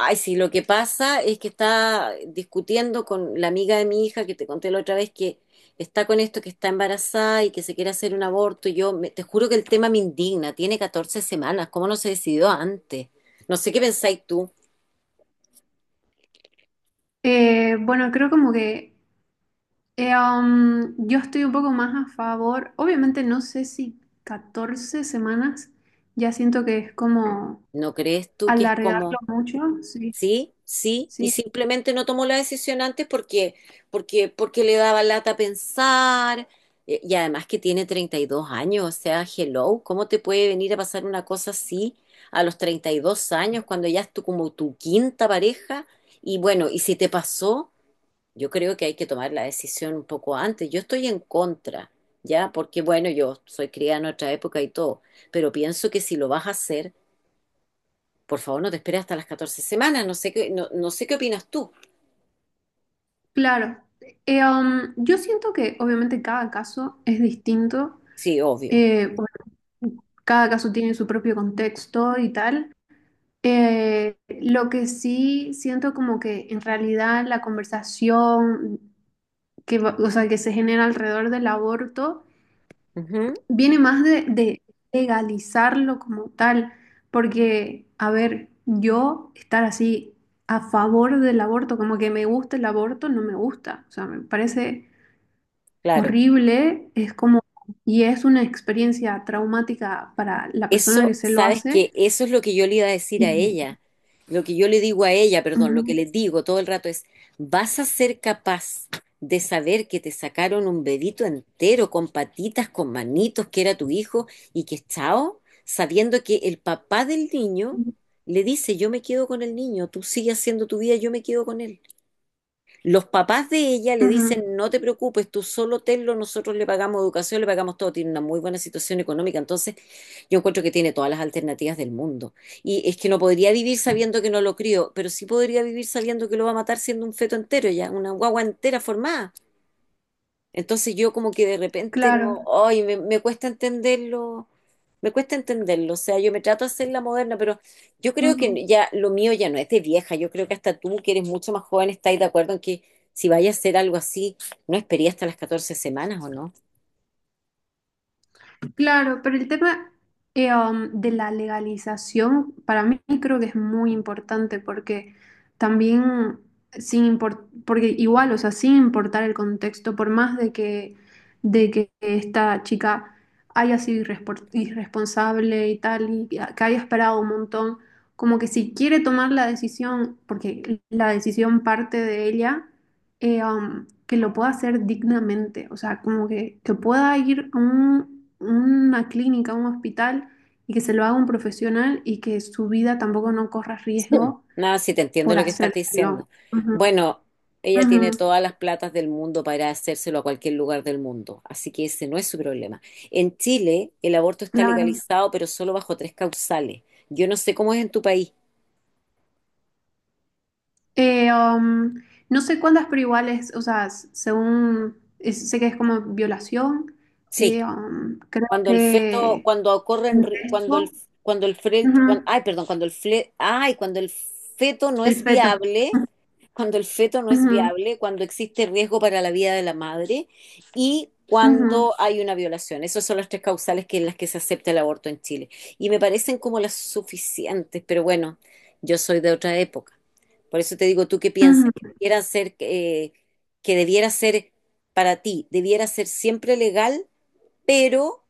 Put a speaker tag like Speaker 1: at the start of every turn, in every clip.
Speaker 1: Ay, sí, lo que pasa es que está discutiendo con la amiga de mi hija que te conté la otra vez que está con esto, que está embarazada y que se quiere hacer un aborto. Y yo te juro que el tema me indigna. Tiene 14 semanas. ¿Cómo no se decidió antes? No sé qué pensáis tú.
Speaker 2: Bueno, Creo como que yo estoy un poco más a favor. Obviamente no sé si 14 semanas, ya siento que es como
Speaker 1: ¿No crees tú que es
Speaker 2: alargarlo
Speaker 1: como...
Speaker 2: mucho. Sí,
Speaker 1: Sí, sí, y
Speaker 2: sí,
Speaker 1: simplemente no tomó la decisión antes porque, porque le daba lata pensar, y además que tiene 32 años, o sea, hello, ¿cómo te puede venir a pasar una cosa así a los 32 años cuando ya es tu, como tu quinta pareja? Y bueno, y si te pasó, yo creo que hay que tomar la decisión un poco antes. Yo estoy en contra, ¿ya? Porque bueno, yo soy criada en otra época y todo, pero pienso que si lo vas a hacer, por favor, no te esperes hasta las 14 semanas, no sé qué, no, no sé qué opinas tú.
Speaker 2: claro. Yo siento que obviamente cada caso es distinto.
Speaker 1: Sí, obvio.
Speaker 2: Eh, bueno, Cada caso tiene su propio contexto y tal. Lo que sí siento como que en realidad la conversación o sea, que se genera alrededor del aborto
Speaker 1: Ujú,
Speaker 2: viene más de legalizarlo como tal, porque, a ver, yo estar así a favor del aborto, como que me gusta el aborto, no me gusta, o sea, me parece
Speaker 1: claro.
Speaker 2: horrible, es como, y es una experiencia traumática para la persona
Speaker 1: Eso,
Speaker 2: que se lo
Speaker 1: sabes que
Speaker 2: hace.
Speaker 1: eso es lo que yo le iba a decir
Speaker 2: Y-
Speaker 1: a ella. Lo que yo le digo a ella, perdón, lo que le
Speaker 2: Ujú,
Speaker 1: digo todo el rato es, ¿vas a ser capaz de saber que te sacaron un bebito entero con patitas, con manitos, que era tu hijo y que es chao? Sabiendo que el papá del niño le dice, yo me quedo con el niño, tú sigues haciendo tu vida, yo me quedo con él. Los papás de ella le
Speaker 2: ujú,
Speaker 1: dicen, no te preocupes, tú solo tenlo, nosotros le pagamos educación, le pagamos todo, tiene una muy buena situación económica, entonces yo encuentro que tiene todas las alternativas del mundo. Y es que no podría vivir sabiendo que no lo crío, pero sí podría vivir sabiendo que lo va a matar siendo un feto entero ya, una guagua entera formada. Entonces yo como que de repente
Speaker 2: claro.
Speaker 1: no, ay, me cuesta entenderlo, me cuesta entenderlo, o sea, yo me trato de hacer la moderna, pero yo creo
Speaker 2: Ujú.
Speaker 1: que ya lo mío ya no es de vieja, yo creo que hasta tú que eres mucho más joven estás de acuerdo en que si vayas a hacer algo así, no esperé hasta las 14 semanas, ¿o no?
Speaker 2: Claro, pero el tema de la legalización para mí creo que es muy importante porque también sin import- porque igual, o sea, sin importar el contexto, por más de que esta chica haya sido irresponsable y tal, y que haya esperado un montón, como que si quiere tomar la decisión, porque la decisión parte de ella, que lo pueda hacer dignamente, o sea, como que pueda ir a una clínica, a un hospital y que se lo haga un profesional y que su vida tampoco no corra riesgo
Speaker 1: Nada, sí te entiendo
Speaker 2: por
Speaker 1: lo que estás
Speaker 2: hacérselo.
Speaker 1: diciendo.
Speaker 2: Ujú,
Speaker 1: Bueno, ella tiene
Speaker 2: ujú,
Speaker 1: todas las platas del mundo para hacérselo a cualquier lugar del mundo, así que ese no es su problema. En Chile, el aborto está
Speaker 2: claro.
Speaker 1: legalizado, pero solo bajo tres causales. Yo no sé cómo es en tu país.
Speaker 2: Eh, um, no sé cuántas, pero igual es, o sea, según, sé que es como violación,
Speaker 1: Sí,
Speaker 2: creo
Speaker 1: cuando el feto,
Speaker 2: que
Speaker 1: cuando ocurre,
Speaker 2: incesto,
Speaker 1: cuando el fre- cuan-
Speaker 2: ujú,
Speaker 1: ay, perdón, ay, cuando el feto no
Speaker 2: el
Speaker 1: es
Speaker 2: feto.
Speaker 1: viable cuando el feto no es
Speaker 2: Ujú,
Speaker 1: viable, cuando existe riesgo para la vida de la madre y
Speaker 2: ujú,
Speaker 1: cuando hay una violación. Esas son las tres causales que, en las que se acepta el aborto en Chile. Y me parecen como las suficientes, pero bueno, yo soy de otra época. Por eso te digo, ¿tú qué piensas?
Speaker 2: ujú.
Speaker 1: Que debiera ser para ti, debiera ser siempre legal, pero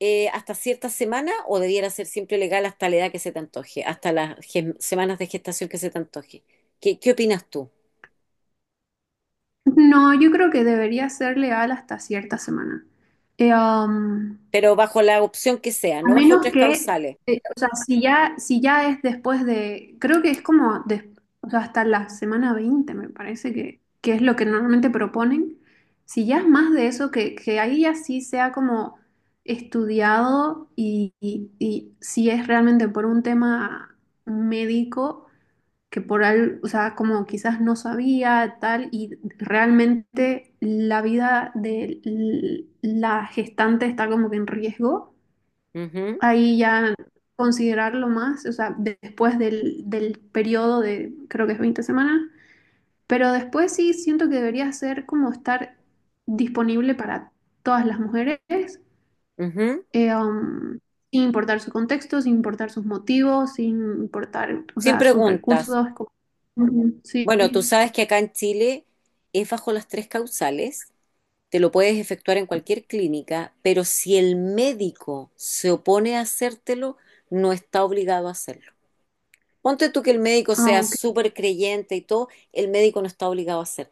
Speaker 1: hasta cierta semana o debiera ser siempre legal hasta la edad que se te antoje, hasta las semanas de gestación que se te antoje? ¿Qué, qué opinas tú?
Speaker 2: No, yo creo que debería ser legal hasta cierta semana. Eh, um,
Speaker 1: Pero bajo la opción que sea,
Speaker 2: a
Speaker 1: no bajo
Speaker 2: menos
Speaker 1: tres causales.
Speaker 2: o sea, si ya es después de, creo que es como o sea, hasta la semana 20 me parece que es lo que normalmente proponen. Si ya es más de eso, que ahí ya sí sea como estudiado y si es realmente por un tema médico que por algo, o sea, como quizás no sabía tal, y realmente la vida de la gestante está como que en riesgo,
Speaker 1: Ujú,
Speaker 2: ahí ya considerarlo más, o sea, después del periodo de, creo que es 20 semanas, pero después sí siento que debería ser como estar disponible para todas las mujeres,
Speaker 1: ujú.
Speaker 2: eh, um, sin importar su contexto, sin importar sus motivos, sin importar, o
Speaker 1: Sin
Speaker 2: sea, sus
Speaker 1: preguntas.
Speaker 2: recursos. Ujú. Sí.
Speaker 1: Bueno, tú sabes que acá en Chile es bajo las tres causales, te lo puedes efectuar en cualquier clínica, pero si el médico se opone a hacértelo, no está obligado a hacerlo. Ponte tú que el médico
Speaker 2: Ah,
Speaker 1: sea
Speaker 2: ok.
Speaker 1: súper creyente y todo, el médico no está obligado a hacerlo.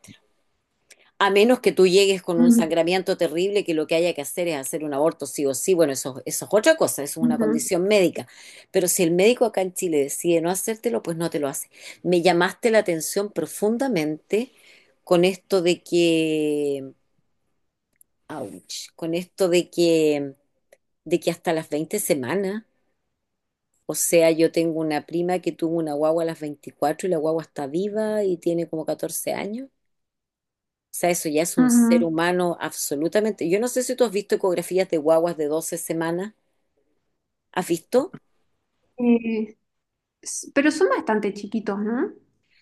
Speaker 1: A menos que tú llegues con un
Speaker 2: Ujú,
Speaker 1: sangramiento terrible, que lo que haya que hacer es hacer un aborto sí o sí, bueno, eso es otra cosa, eso es una
Speaker 2: ujú,
Speaker 1: condición médica. Pero si el médico acá en Chile decide no hacértelo, pues no te lo hace. Me llamaste la atención profundamente con esto de que, ouch, con esto de que hasta las 20 semanas, o sea, yo tengo una prima que tuvo una guagua a las 24 y la guagua está viva y tiene como 14 años. O sea, eso ya es un ser
Speaker 2: ujú.
Speaker 1: humano absolutamente. Yo no sé si tú has visto ecografías de guaguas de 12 semanas. ¿Has visto?
Speaker 2: Eh, ¿Pero son bastante chiquitos, no?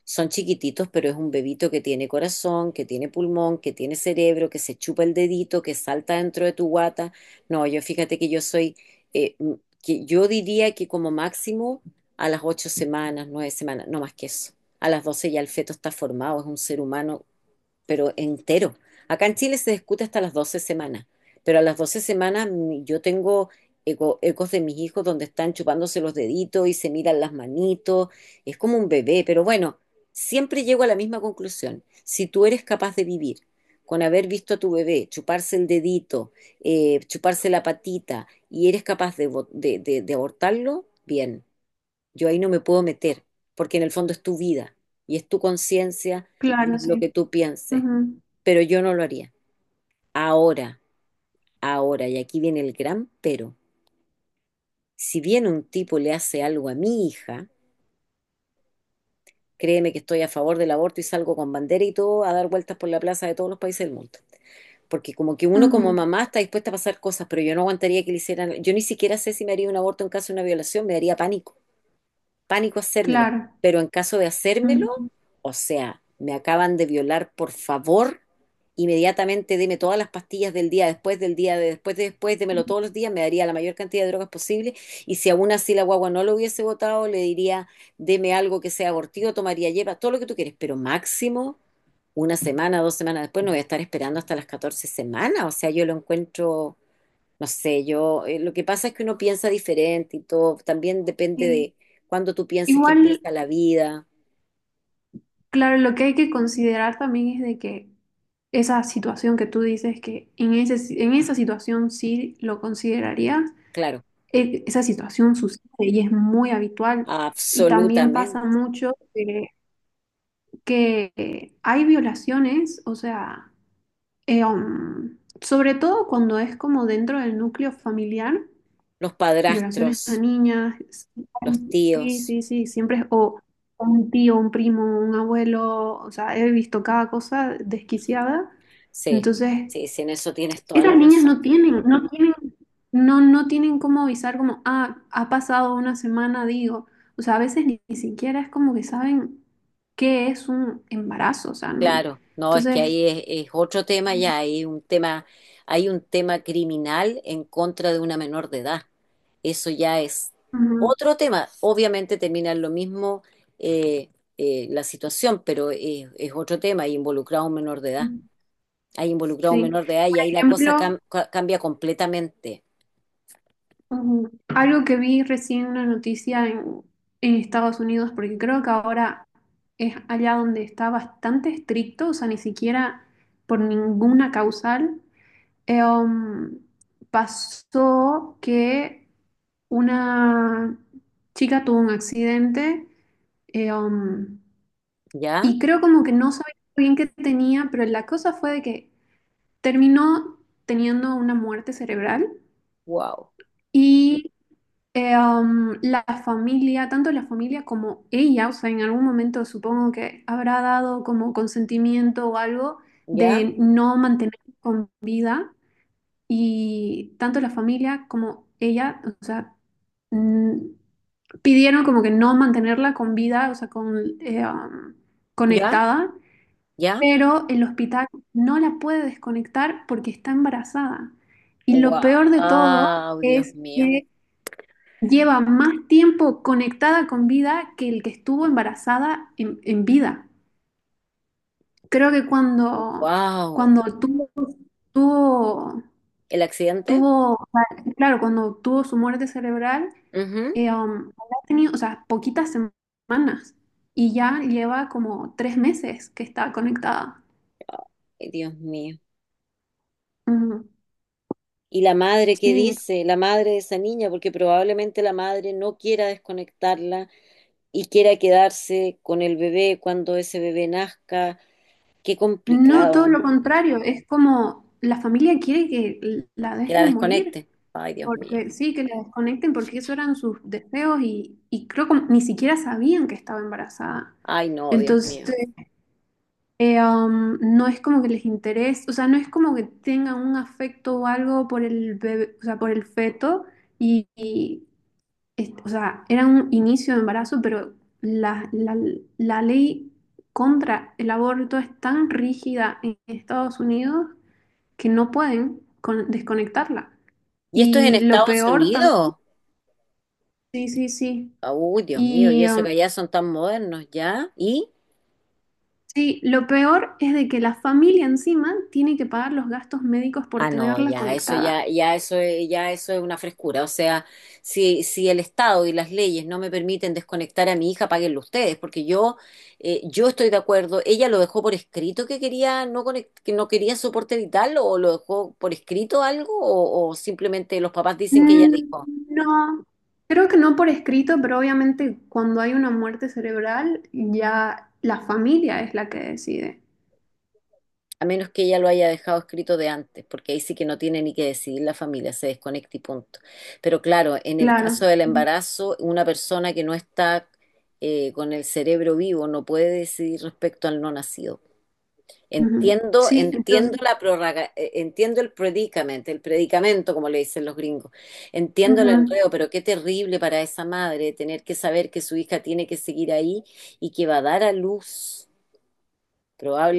Speaker 1: Son chiquititos, pero es un bebito que tiene corazón, que tiene pulmón, que tiene cerebro, que se chupa el dedito, que salta dentro de tu guata. No, yo fíjate que yo soy, que yo diría que como máximo a las 8 semanas, 9 semanas, no más que eso. A las 12 ya el feto está formado, es un ser humano pero entero. Acá en Chile se discute hasta las 12 semanas, pero a las 12 semanas yo tengo ecos de mis hijos donde están chupándose los deditos y se miran las manitos, es como un bebé, pero bueno, siempre llego a la misma conclusión. Si tú eres capaz de vivir con haber visto a tu bebé chuparse el dedito, chuparse la patita y eres capaz de, de abortarlo, bien. Yo ahí no me puedo meter, porque en el fondo es tu vida y es tu conciencia y
Speaker 2: Claro,
Speaker 1: es lo que
Speaker 2: sí.
Speaker 1: tú pienses.
Speaker 2: Ujú,
Speaker 1: Pero yo no lo haría. Ahora, ahora, y aquí viene el gran pero. Si viene un tipo y le hace algo a mi hija, créeme que estoy a favor del aborto y salgo con bandera y todo a dar vueltas por la plaza de todos los países del mundo. Porque como que uno como
Speaker 2: ujú.
Speaker 1: mamá está dispuesta a pasar cosas, pero yo no aguantaría que le hicieran, yo ni siquiera sé si me haría un aborto en caso de una violación, me daría pánico. Pánico hacérmelo,
Speaker 2: Claro.
Speaker 1: pero en caso de hacérmelo,
Speaker 2: Ujú,
Speaker 1: o sea, me acaban de violar, por favor, inmediatamente deme todas las pastillas del día después, del día de después, démelo
Speaker 2: ujú.
Speaker 1: todos los días, me daría la mayor cantidad de drogas posible y si aún así la guagua no lo hubiese votado, le diría, deme algo que sea abortivo, tomaría hierba, todo lo que tú quieres, pero máximo una semana, 2 semanas después, no voy a estar esperando hasta las 14 semanas, o sea, yo lo encuentro no sé, yo, lo que pasa es que uno piensa diferente y todo, también depende
Speaker 2: Sí.
Speaker 1: de cuándo tú pienses que
Speaker 2: Igual,
Speaker 1: empieza la vida,
Speaker 2: claro, lo que hay que considerar también es de que esa situación que tú dices que en esa situación sí lo considerarías,
Speaker 1: claro,
Speaker 2: esa situación sucede y es muy habitual. Y también pasa
Speaker 1: absolutamente.
Speaker 2: mucho, que hay violaciones, o sea... Sobre todo cuando es como dentro del núcleo familiar,
Speaker 1: Los
Speaker 2: violaciones a
Speaker 1: padrastros,
Speaker 2: niñas,
Speaker 1: los
Speaker 2: sí,
Speaker 1: tíos,
Speaker 2: sí, sí, siempre es o un tío, un primo, un abuelo, o sea, he visto cada cosa desquiciada.
Speaker 1: sí,
Speaker 2: Entonces,
Speaker 1: sí, sí, en eso tienes toda la
Speaker 2: esas niñas
Speaker 1: razón.
Speaker 2: no tienen cómo avisar como, ah, ha pasado una semana, digo. O sea, a veces ni siquiera es como que saben qué es un embarazo, o sea, no.
Speaker 1: Claro, no, es que
Speaker 2: Entonces,
Speaker 1: ahí es otro tema ya, hay un tema criminal en contra de una menor de edad. Eso ya es
Speaker 2: ujú,
Speaker 1: otro tema. Obviamente termina en lo mismo eh, la situación, pero es otro tema, hay involucrado un menor de edad. Hay involucrado un
Speaker 2: sí.
Speaker 1: menor de edad y ahí la cosa
Speaker 2: Ejemplo,
Speaker 1: cambia completamente.
Speaker 2: algo que vi recién una noticia en Estados Unidos, porque creo que ahora es allá donde está bastante estricto, o sea, ni siquiera por ninguna causal, eh, um, pasó que una chica tuvo un accidente, eh, um,
Speaker 1: ¿Ya?
Speaker 2: y creo como que no sabía bien qué tenía, pero la cosa fue de que terminó teniendo una muerte cerebral.
Speaker 1: Wow.
Speaker 2: Y la familia, tanto la familia como ella, o sea, en algún momento supongo que habrá dado como consentimiento o algo
Speaker 1: ¿Ya?
Speaker 2: de no mantener con vida, y tanto la familia como ella, o sea, mm, pidieron como que no mantenerla con vida, o sea, con,
Speaker 1: ¿Ya?
Speaker 2: conectada,
Speaker 1: ¿Ya?
Speaker 2: pero el hospital no la puede desconectar porque está embarazada. Y lo peor de todo
Speaker 1: Wow. Dios
Speaker 2: es
Speaker 1: mío.
Speaker 2: que lleva más tiempo conectada con vida que el que estuvo embarazada en vida. Creo que
Speaker 1: Wow.
Speaker 2: cuando tuvo,
Speaker 1: ¿El accidente?
Speaker 2: tuvo, claro, cuando tuvo su muerte cerebral, habrá tenido, o sea, poquitas semanas y ya lleva como 3 meses que está conectada.
Speaker 1: Ay, Dios mío.
Speaker 2: Ujú.
Speaker 1: ¿Y la madre qué
Speaker 2: Sí,
Speaker 1: dice? La madre de esa niña, porque probablemente la madre no quiera desconectarla y quiera quedarse con el bebé cuando ese bebé nazca. Qué
Speaker 2: no, todo
Speaker 1: complicado.
Speaker 2: lo contrario, es como la familia quiere que la
Speaker 1: Que la
Speaker 2: dejen morir.
Speaker 1: desconecte. Ay, Dios mío.
Speaker 2: Porque sí, que la desconecten porque esos eran sus deseos y creo que ni siquiera sabían que estaba embarazada.
Speaker 1: Ay, no, Dios mío.
Speaker 2: Entonces, no es como que les interese, o sea, no es como que tengan un afecto o algo por el bebé, o sea, por el feto, y, y, o sea, era un inicio de embarazo, pero la, la, la ley contra el aborto es tan rígida en Estados Unidos que no pueden desconectarla.
Speaker 1: ¿Y esto es en
Speaker 2: Y lo
Speaker 1: Estados
Speaker 2: peor también.
Speaker 1: Unidos?
Speaker 2: Sí, sí, sí.
Speaker 1: Uy, Dios mío, y
Speaker 2: Y
Speaker 1: eso
Speaker 2: um,
Speaker 1: que allá son tan modernos, ¿ya? ¿Y?
Speaker 2: sí, lo peor es de que la familia encima tiene que pagar los gastos médicos por
Speaker 1: Ah, no,
Speaker 2: tenerla
Speaker 1: ya eso
Speaker 2: conectada.
Speaker 1: ya, ya eso es una frescura. O sea, si, si el Estado y las leyes no me permiten desconectar a mi hija, páguenlo ustedes, porque yo estoy de acuerdo. Ella lo dejó por escrito que quería que no quería soporte vital, o lo dejó por escrito algo, o simplemente los papás dicen que ella
Speaker 2: Mm,
Speaker 1: dijo.
Speaker 2: No, creo que no por escrito, pero obviamente cuando hay una muerte cerebral ya la familia es la que decide.
Speaker 1: A menos que ella lo haya dejado escrito de antes, porque ahí sí que no tiene ni que decidir la familia, se desconecta y punto. Pero claro, en el
Speaker 2: Claro.
Speaker 1: caso del embarazo, una persona que no está con el cerebro vivo no puede decidir respecto al no nacido.
Speaker 2: Ujú.
Speaker 1: Entiendo,
Speaker 2: Sí, entonces,
Speaker 1: entiendo la prórroga, entiendo el predicamento, como le dicen los gringos. Entiendo el
Speaker 2: ujú.
Speaker 1: enredo, pero qué terrible para esa madre tener que saber que su hija tiene que seguir ahí y que va a dar a luz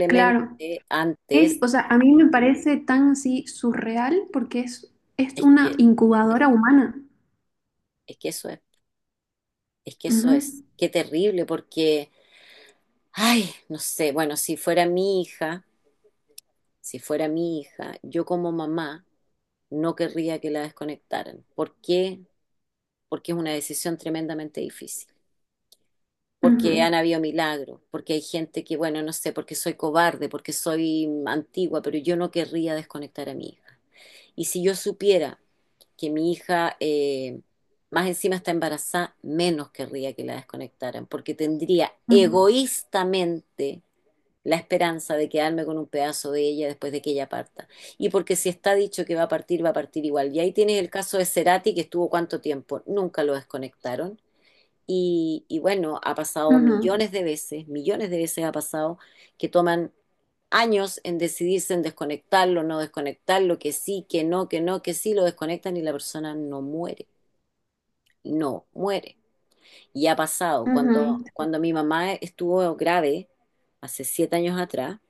Speaker 2: Claro.
Speaker 1: probablemente antes.
Speaker 2: O sea, a mí me parece tan así surreal porque es
Speaker 1: Es
Speaker 2: una
Speaker 1: que
Speaker 2: incubadora humana.
Speaker 1: Es que eso es que eso
Speaker 2: Ujú,
Speaker 1: es, qué terrible, porque, ay, no sé, bueno, si fuera mi hija, si fuera mi hija, yo como mamá no querría que la desconectaran. ¿Por qué? Porque es una decisión tremendamente difícil, porque
Speaker 2: ujú,
Speaker 1: han habido milagros, porque hay gente que, bueno, no sé, porque soy cobarde, porque soy antigua, pero yo no querría desconectar a mi hija. Y si yo supiera que mi hija más encima está embarazada, menos querría que la desconectaran, porque tendría
Speaker 2: ujú,
Speaker 1: egoístamente la esperanza de quedarme con un pedazo de ella después de que ella parta. Y porque si está dicho que va a partir igual. Y ahí tienes el caso de Cerati, que estuvo cuánto tiempo, nunca lo desconectaron. Y bueno, ha pasado
Speaker 2: ujú.
Speaker 1: millones de veces ha pasado que toman años en decidirse en desconectarlo, no desconectarlo, que sí, que no, que no, que sí, lo desconectan y la persona no muere, no muere. Y ha pasado,
Speaker 2: Ujú.
Speaker 1: cuando mi mamá estuvo grave, hace 7 años atrás,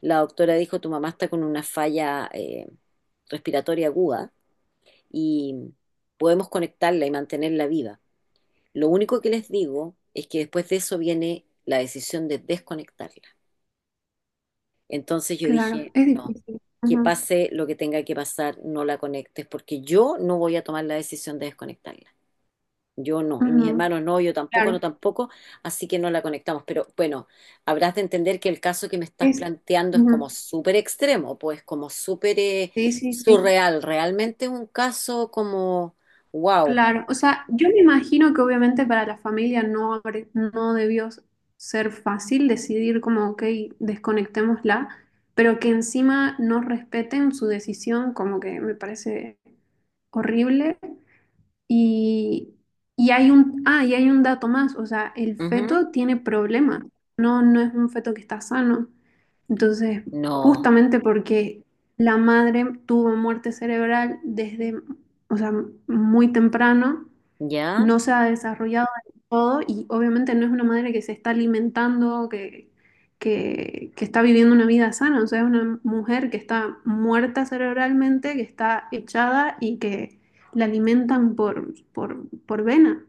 Speaker 1: la doctora dijo, tu mamá está con una falla respiratoria aguda y podemos conectarla y mantenerla viva. Lo único que les digo es que después de eso viene la decisión de desconectarla. Entonces yo
Speaker 2: Claro,
Speaker 1: dije,
Speaker 2: es
Speaker 1: no,
Speaker 2: difícil.
Speaker 1: que
Speaker 2: Ujú,
Speaker 1: pase lo que tenga que pasar, no la conectes, porque yo no voy a tomar la decisión de desconectarla. Yo no, y mis
Speaker 2: ujú.
Speaker 1: hermanos no, yo tampoco, no
Speaker 2: Claro,
Speaker 1: tampoco, así que no la conectamos. Pero bueno, habrás de entender que el caso que me estás
Speaker 2: es.
Speaker 1: planteando es
Speaker 2: Ujú.
Speaker 1: como súper extremo, pues como súper
Speaker 2: Sí, sí, sí.
Speaker 1: surreal. Realmente un caso como, wow.
Speaker 2: Claro, o sea, yo me imagino que obviamente para la familia no, no debió ser fácil decidir como, ok, desconectémosla, pero que encima no respeten su decisión, como que me parece horrible. Y, y hay un dato más, o sea, el
Speaker 1: Ujú.
Speaker 2: feto tiene problemas, no, no es un feto que está sano. Entonces,
Speaker 1: No,
Speaker 2: justamente porque la madre tuvo muerte cerebral desde, o sea, muy temprano,
Speaker 1: ¿ya?
Speaker 2: no se ha desarrollado del todo y obviamente no es una madre que se está alimentando, que está viviendo una vida sana, o sea, es una mujer que está muerta cerebralmente, que está echada y que la alimentan por vena.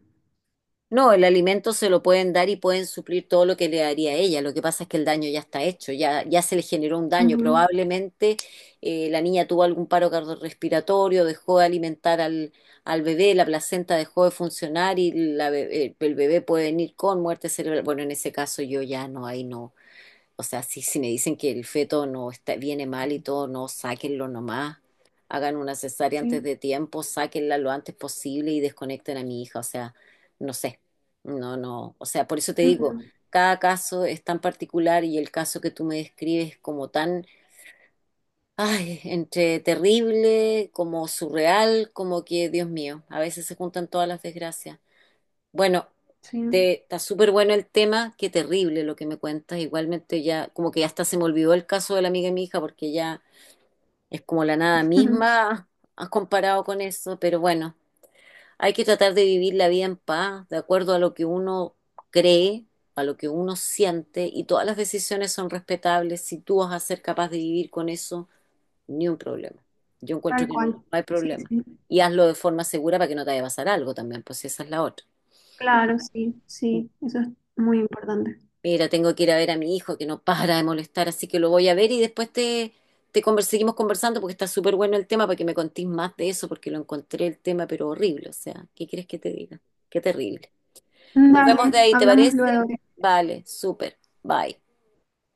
Speaker 1: No, el alimento se lo pueden dar y pueden suplir todo lo que le daría a ella. Lo que pasa es que el daño ya está hecho, ya, ya se le generó un daño.
Speaker 2: Ujú.
Speaker 1: Probablemente la niña tuvo algún paro cardiorrespiratorio, dejó de alimentar al bebé, la placenta dejó de funcionar y el bebé puede venir con muerte cerebral. Bueno, en ese caso yo ya no, ahí no. O sea, si me dicen que el feto no está, viene mal y todo, no, sáquenlo nomás. Hagan una cesárea antes
Speaker 2: Sí,
Speaker 1: de tiempo, sáquenla lo antes posible y desconecten a mi hija. O sea, no sé. No, no. O sea, por eso te digo,
Speaker 2: ujú,
Speaker 1: cada caso es tan particular y el caso que tú me describes como tan, ay, entre terrible, como surreal, como que, Dios mío, a veces se juntan todas las desgracias. Bueno,
Speaker 2: sí, ujú.
Speaker 1: está súper bueno el tema, qué terrible lo que me cuentas. Igualmente ya, como que hasta se me olvidó el caso de la amiga de mi hija, porque ya es como la nada misma, has comparado con eso, pero bueno, hay que tratar de vivir la vida en paz, de acuerdo a lo que uno cree, a lo que uno siente, y todas las decisiones son respetables. Si tú vas a ser capaz de vivir con eso, ni un problema. Yo encuentro
Speaker 2: Tal
Speaker 1: que no,
Speaker 2: cual.
Speaker 1: no hay
Speaker 2: Sí,
Speaker 1: problema.
Speaker 2: sí,
Speaker 1: Y hazlo de forma segura para que no te vaya a pasar algo también, pues esa es la otra.
Speaker 2: claro, sí, sí, eso es muy importante.
Speaker 1: Mira, tengo que ir a ver a mi hijo que no para de molestar, así que lo voy a ver y después seguimos conversando porque está súper bueno el tema para que me contís más de eso, porque lo encontré el tema, pero horrible. O sea, ¿qué quieres que te diga? Qué terrible. Nos vemos de
Speaker 2: Dale,
Speaker 1: ahí, ¿te
Speaker 2: hablamos
Speaker 1: parece?
Speaker 2: luego.
Speaker 1: Vale, súper. Bye.